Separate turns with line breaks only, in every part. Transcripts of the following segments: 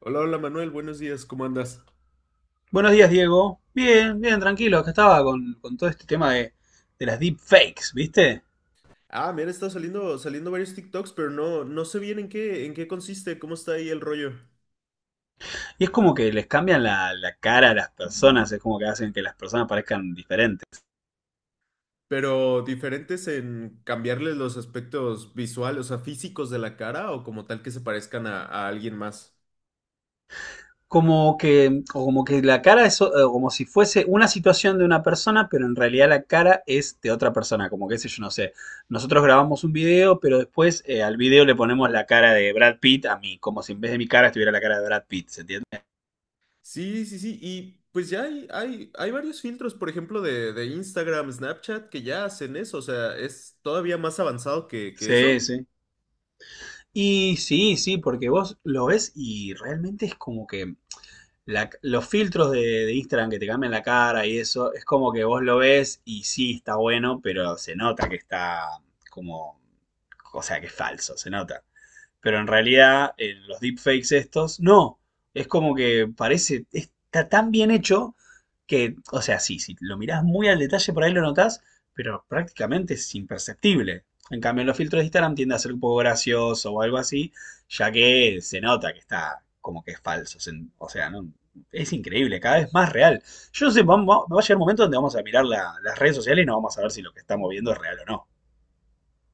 Hola, hola Manuel, buenos días, ¿cómo andas?
Buenos días, Diego. Bien, bien, tranquilo. Acá estaba con todo este tema de las deepfakes, ¿viste?
Ah, mira, está saliendo varios TikToks, pero no sé bien en qué consiste, cómo está ahí el rollo.
Y es como que les cambian la cara a las personas, es como que hacen que las personas parezcan diferentes.
Pero diferentes en cambiarles los aspectos visuales, o sea, físicos de la cara o como tal que se parezcan a alguien más.
Como que, o como que la cara es como si fuese una situación de una persona, pero en realidad la cara es de otra persona. Como que, qué sé yo, no sé. Nosotros grabamos un video, pero después al video le ponemos la cara de Brad Pitt a mí, como si en vez de mi cara estuviera la cara de Brad Pitt, ¿se entiende?
Sí, sí, sí, y pues ya hay, hay varios filtros, por ejemplo, de Instagram, Snapchat, que ya hacen eso, o sea, es todavía más avanzado que
Sí,
eso.
sí. Y sí, sí, porque vos lo ves y realmente es como que los filtros de Instagram que te cambian la cara y eso, es como que vos lo ves y sí está bueno, pero se nota que está como, o sea, que es falso, se nota, pero en realidad en los deepfakes estos, no, es como que parece, está tan bien hecho que, o sea, sí, si lo mirás muy al detalle por ahí lo notás, pero prácticamente es imperceptible. En cambio, en los filtros de Instagram tiende a ser un poco gracioso o algo así, ya que se nota que está como que es falso. O sea, no, es increíble, cada vez más real. Yo no sé, va a llegar un momento donde vamos a mirar las redes sociales y no vamos a ver si lo que estamos viendo es real o no.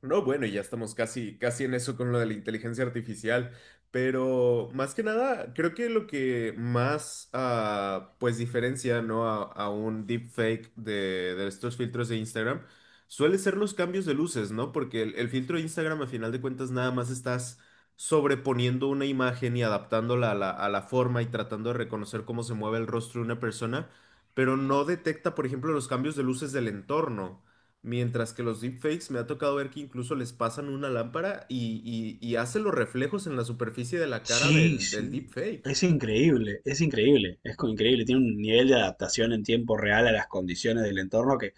No, bueno, y ya estamos casi, casi en eso con lo de la inteligencia artificial, pero más que nada, creo que lo que más, pues, diferencia, ¿no? A, a un deepfake de estos filtros de Instagram suele ser los cambios de luces, ¿no? Porque el filtro de Instagram, a final de cuentas, nada más estás sobreponiendo una imagen y adaptándola a la forma y tratando de reconocer cómo se mueve el rostro de una persona, pero no detecta, por ejemplo, los cambios de luces del entorno. Mientras que los deepfakes me ha tocado ver que incluso les pasan una lámpara y hace los reflejos en la superficie de la cara
Sí,
del, del
sí.
deepfake.
Es increíble, increíble. Tiene un nivel de adaptación en tiempo real a las condiciones del entorno que...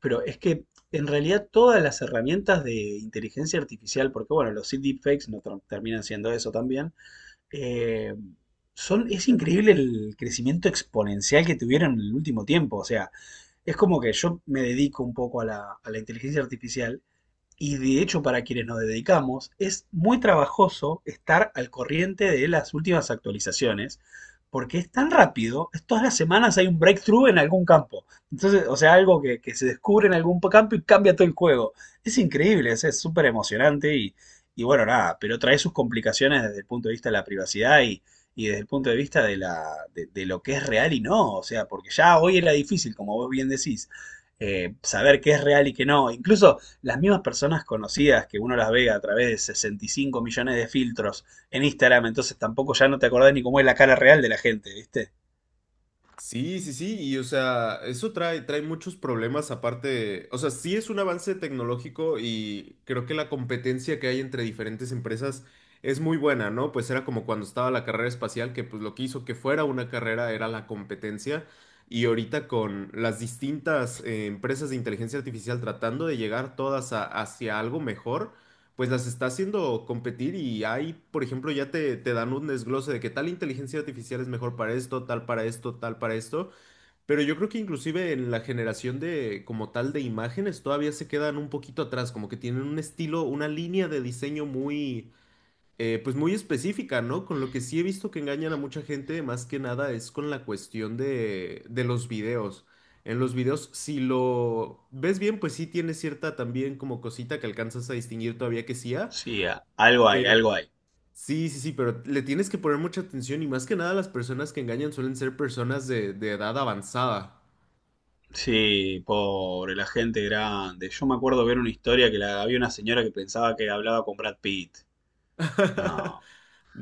Pero es que en realidad todas las herramientas de inteligencia artificial, porque bueno, los deepfakes no tra- terminan siendo eso también, eh, son, es increíble el crecimiento exponencial que tuvieron en el último tiempo. O sea, es como que yo me dedico un poco a a la inteligencia artificial, y de hecho para quienes nos dedicamos, es muy trabajoso estar al corriente de las últimas actualizaciones, porque es tan rápido, todas las semanas hay un breakthrough en algún campo. Entonces, o sea, algo que se descubre en algún campo y cambia todo el juego. Es increíble, es súper emocionante y bueno, nada, pero trae sus complicaciones desde el punto de vista de la privacidad y desde el punto de vista de lo que es real y no. O sea, porque ya hoy era difícil, como vos bien decís, saber qué es real y qué no. Incluso las mismas personas conocidas que uno las ve a través de 65 millones de filtros en Instagram, entonces tampoco ya no te acordás ni cómo es la cara real de la gente, ¿viste?
Sí, sí, sí, y o sea, eso trae muchos problemas aparte, o sea, sí es un avance tecnológico y creo que la competencia que hay entre diferentes empresas es muy buena, ¿no? Pues era como cuando estaba la carrera espacial, que pues lo que hizo que fuera una carrera era la competencia y ahorita con las distintas empresas de inteligencia artificial tratando de llegar todas a- hacia algo mejor, pues las está haciendo competir y ahí, por ejemplo, ya te dan un desglose de que tal inteligencia artificial es mejor para esto, tal para esto, tal para esto, pero yo creo que inclusive en la generación de como tal de imágenes todavía se quedan un poquito atrás, como que tienen un estilo, una línea de diseño muy, pues muy específica, ¿no? Con lo que sí he visto que engañan a mucha gente, más que nada es con la cuestión de los videos. En los videos, si lo ves bien, pues sí tiene cierta también como cosita que alcanzas a distinguir todavía que sí hay.
Sí, algo hay,
Pero
algo hay.
sí, sí, sí, pero le tienes que poner mucha atención y más que nada las personas que engañan suelen ser personas de edad avanzada.
Sí, pobre, la gente grande. Yo me acuerdo ver una historia que la, había una señora que pensaba que hablaba con Brad Pitt. No.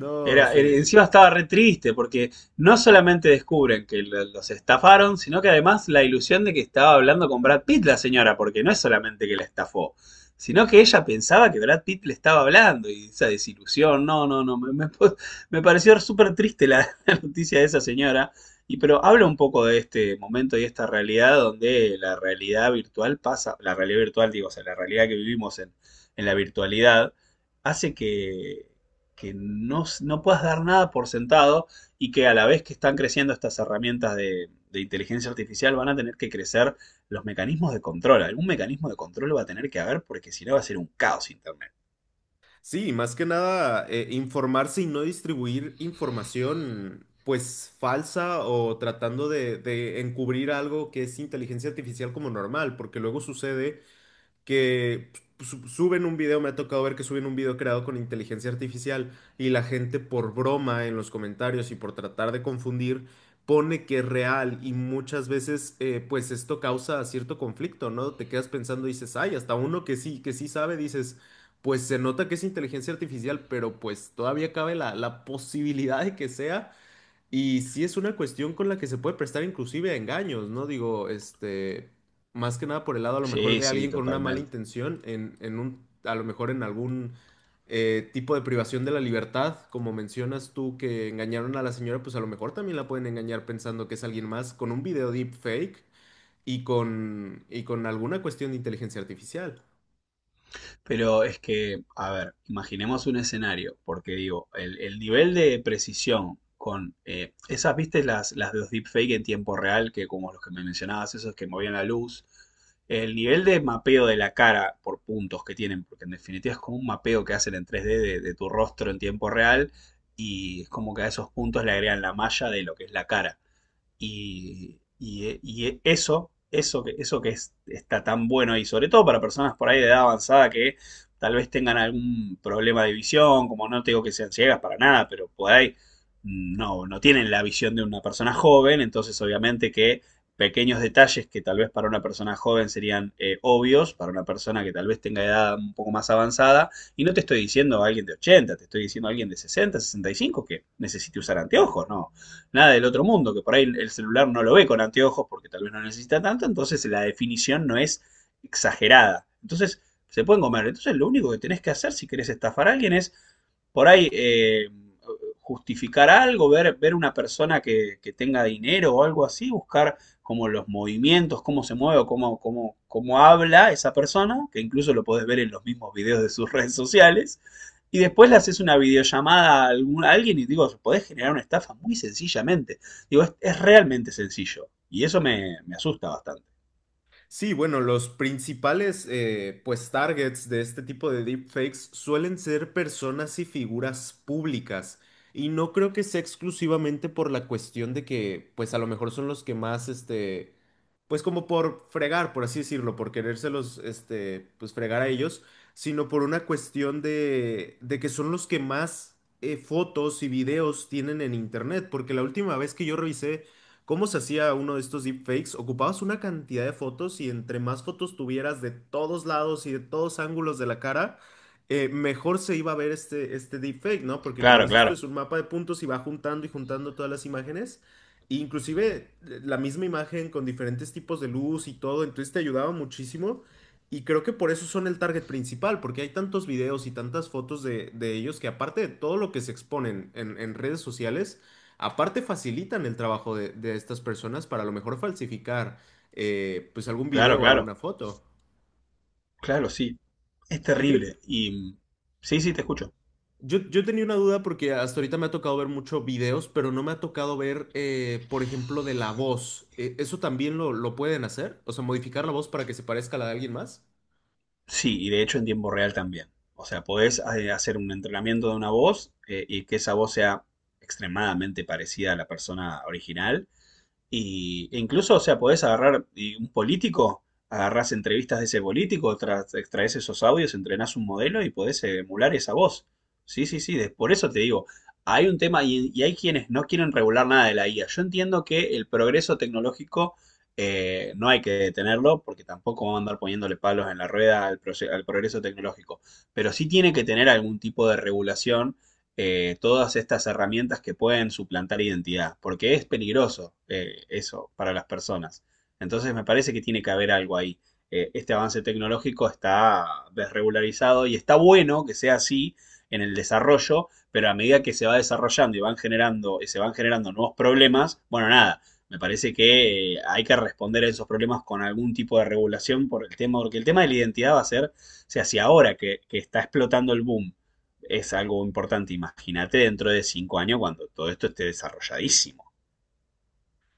No sé.
Encima estaba re triste porque no solamente descubren que los estafaron, sino que además la ilusión de que estaba hablando con Brad Pitt la señora, porque no es solamente que la estafó, sino que ella pensaba que Brad Pitt le estaba hablando y esa desilusión, no, no, no, me- me pareció súper triste la, la noticia de esa señora, y pero habla un poco de este momento y esta realidad donde la realidad virtual pasa, la realidad virtual digo, o sea, la realidad que vivimos en la virtualidad hace que no, no puedas dar nada por sentado, y que a la vez que están creciendo estas herramientas de inteligencia artificial van a tener que crecer los mecanismos de control. Algún mecanismo de control va a tener que haber, porque si no va a ser un caos Internet.
Sí, más que nada informarse y no distribuir información pues falsa o tratando de encubrir algo que es inteligencia artificial como normal, porque luego sucede que su- suben un video, me ha tocado ver que suben un video creado con inteligencia artificial y la gente por broma en los comentarios y por tratar de confundir pone que es real y muchas veces pues esto causa cierto conflicto, ¿no? Te quedas pensando y dices, ay, hasta uno que sí sabe, dices, pues se nota que es inteligencia artificial, pero pues todavía cabe la, la posibilidad de que sea. Y sí es una cuestión con la que se puede prestar inclusive a engaños, ¿no? Digo, este, más que nada por el lado a lo mejor
Sí,
de
sí,
alguien con una mala
totalmente.
intención, en un, a lo mejor en algún tipo de privación de la libertad, como mencionas tú que engañaron a la señora, pues a lo mejor también la pueden engañar pensando que es alguien más con un video deepfake y con alguna cuestión de inteligencia artificial.
Pero es que, a ver, imaginemos un escenario, porque digo, el nivel de precisión con esas, viste, las de los deepfake en tiempo real, que como los que me mencionabas, esos que movían la luz, el nivel de mapeo de la cara por puntos que tienen, porque en definitiva es como un mapeo que hacen en 3D de tu rostro en tiempo real, y es como que a esos puntos le agregan la malla de lo que es la cara. Y eso, eso que es- Está tan bueno, y sobre todo para personas por ahí de edad avanzada que tal vez tengan algún problema de visión, como no te digo que sean ciegas para nada, pero por ahí no, no tienen la visión de una persona joven, entonces obviamente que pequeños detalles que tal vez para una persona joven serían obvios, para una persona que tal vez tenga edad un poco más avanzada, y no te estoy diciendo a alguien de 80, te estoy diciendo a alguien de 60, 65 que necesite usar anteojos, no, nada del otro mundo, que por ahí el celular no lo ve con anteojos porque tal vez no necesita tanto, entonces la definición no es exagerada. Entonces se pueden comer. Entonces lo único que tenés que hacer si querés estafar a alguien es por ahí justificar algo, ver, ver una persona que tenga dinero o algo así, buscar como los movimientos, cómo se mueve o cómo, cómo, cómo habla esa persona, que incluso lo podés ver en los mismos videos de sus redes sociales, y después le haces una videollamada a, a alguien y digo, podés generar una estafa muy sencillamente. Digo, es realmente sencillo. Y eso me, me asusta bastante.
Sí, bueno, los principales pues targets de este tipo de deepfakes suelen ser personas y figuras públicas. Y no creo que sea exclusivamente por la cuestión de que pues a lo mejor son los que más este pues como por fregar, por así decirlo, por querérselos este pues fregar a ellos, sino por una cuestión de que son los que más fotos y videos tienen en internet, porque la última vez que yo revisé ¿cómo se hacía uno de estos deepfakes? Ocupabas una cantidad de fotos y entre más fotos tuvieras de todos lados y de todos ángulos de la cara, mejor se iba a ver este, este deepfake, ¿no? Porque como
Claro,
dices tú,
claro,
es un mapa de puntos y va juntando y juntando todas las imágenes. E inclusive la misma imagen con diferentes tipos de luz y todo, entonces te ayudaba muchísimo. Y creo que por eso son el target principal, porque hay tantos videos y tantas fotos de ellos que aparte de todo lo que se exponen en redes sociales, aparte facilitan el trabajo de estas personas para a lo mejor falsificar pues algún
claro,
video o
claro.
alguna foto.
Claro, sí. Es
Y yo,
terrible. Y sí, sí, te escucho.
yo tenía una duda porque hasta ahorita me ha tocado ver muchos videos, pero no me ha tocado ver, por ejemplo, de la voz. ¿Eso también lo pueden hacer? O sea, modificar la voz para que se parezca a la de alguien más.
Sí, y de hecho en tiempo real también. O sea, podés hacer un entrenamiento de una voz y que esa voz sea extremadamente parecida a la persona original. Y, e incluso, o sea, podés agarrar y un político, agarrás entrevistas de ese político, extraes esos audios, entrenás un modelo y podés emular esa voz. Sí, sí, sí, por eso te digo, hay un tema y hay quienes no quieren regular nada de la IA. Yo entiendo que el progreso tecnológico no hay que detenerlo, porque tampoco vamos a andar poniéndole palos en la rueda al, al progreso tecnológico, pero sí tiene que tener algún tipo de regulación, todas estas herramientas que pueden suplantar identidad, porque es peligroso, eso para las personas. Entonces me parece que tiene que haber algo ahí. Este avance tecnológico está desregularizado y está bueno que sea así en el desarrollo, pero a medida que se va desarrollando y van generando, y se van generando nuevos problemas, bueno, nada, me parece que hay que responder a esos problemas con algún tipo de regulación por el tema, porque el tema de la identidad va a ser, o sea, si ahora que está explotando el boom, es algo importante. Imagínate dentro de 5 años cuando todo esto esté desarrolladísimo.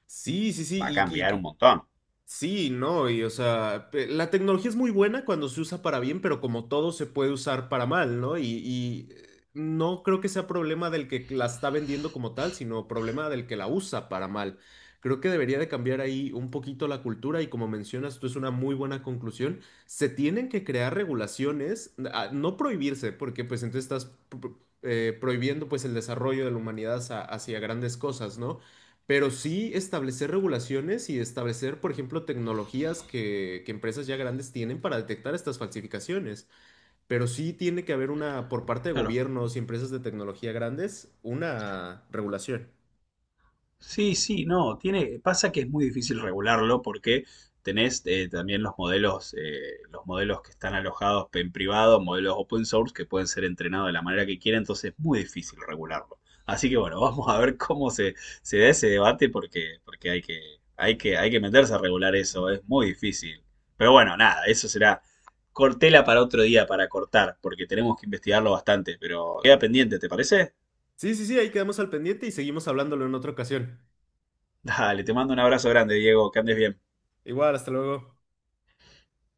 Sí, sí,
Va a
sí. Y,
cambiar un montón.
sí, no, y o sea, pe- la tecnología es muy buena cuando se usa para bien, pero como todo se puede usar para mal, ¿no? Y, no creo que sea problema del que la está vendiendo como tal, sino problema del que la usa para mal. Creo que debería de cambiar ahí un poquito la cultura y como mencionas, tú es una muy buena conclusión. Se tienen que crear regulaciones, no prohibirse, porque pues entonces estás pro- pro- prohibiendo pues el desarrollo de la humanidad hacia grandes cosas, ¿no? Pero sí establecer regulaciones y establecer, por ejemplo, tecnologías que empresas ya grandes tienen para detectar estas falsificaciones. Pero sí tiene que haber una, por parte de
Claro.
gobiernos y empresas de tecnología grandes, una regulación.
Sí, sí, no, tiene, pasa que es muy difícil regularlo porque tenés también los modelos que están alojados en privado, modelos open source que pueden ser entrenados de la manera que quieran, entonces es muy difícil regularlo. Así que bueno, vamos a ver cómo se da ese debate, porque, hay que meterse a regular eso, es muy difícil. Pero bueno, nada, eso será cortela para otro día para cortar, porque tenemos que investigarlo bastante, pero queda pendiente, ¿te parece?
Sí, sí, sí, ahí quedamos al pendiente y seguimos hablándolo en otra ocasión.
Dale, te mando un abrazo grande, Diego, que andes bien.
Igual, hasta luego.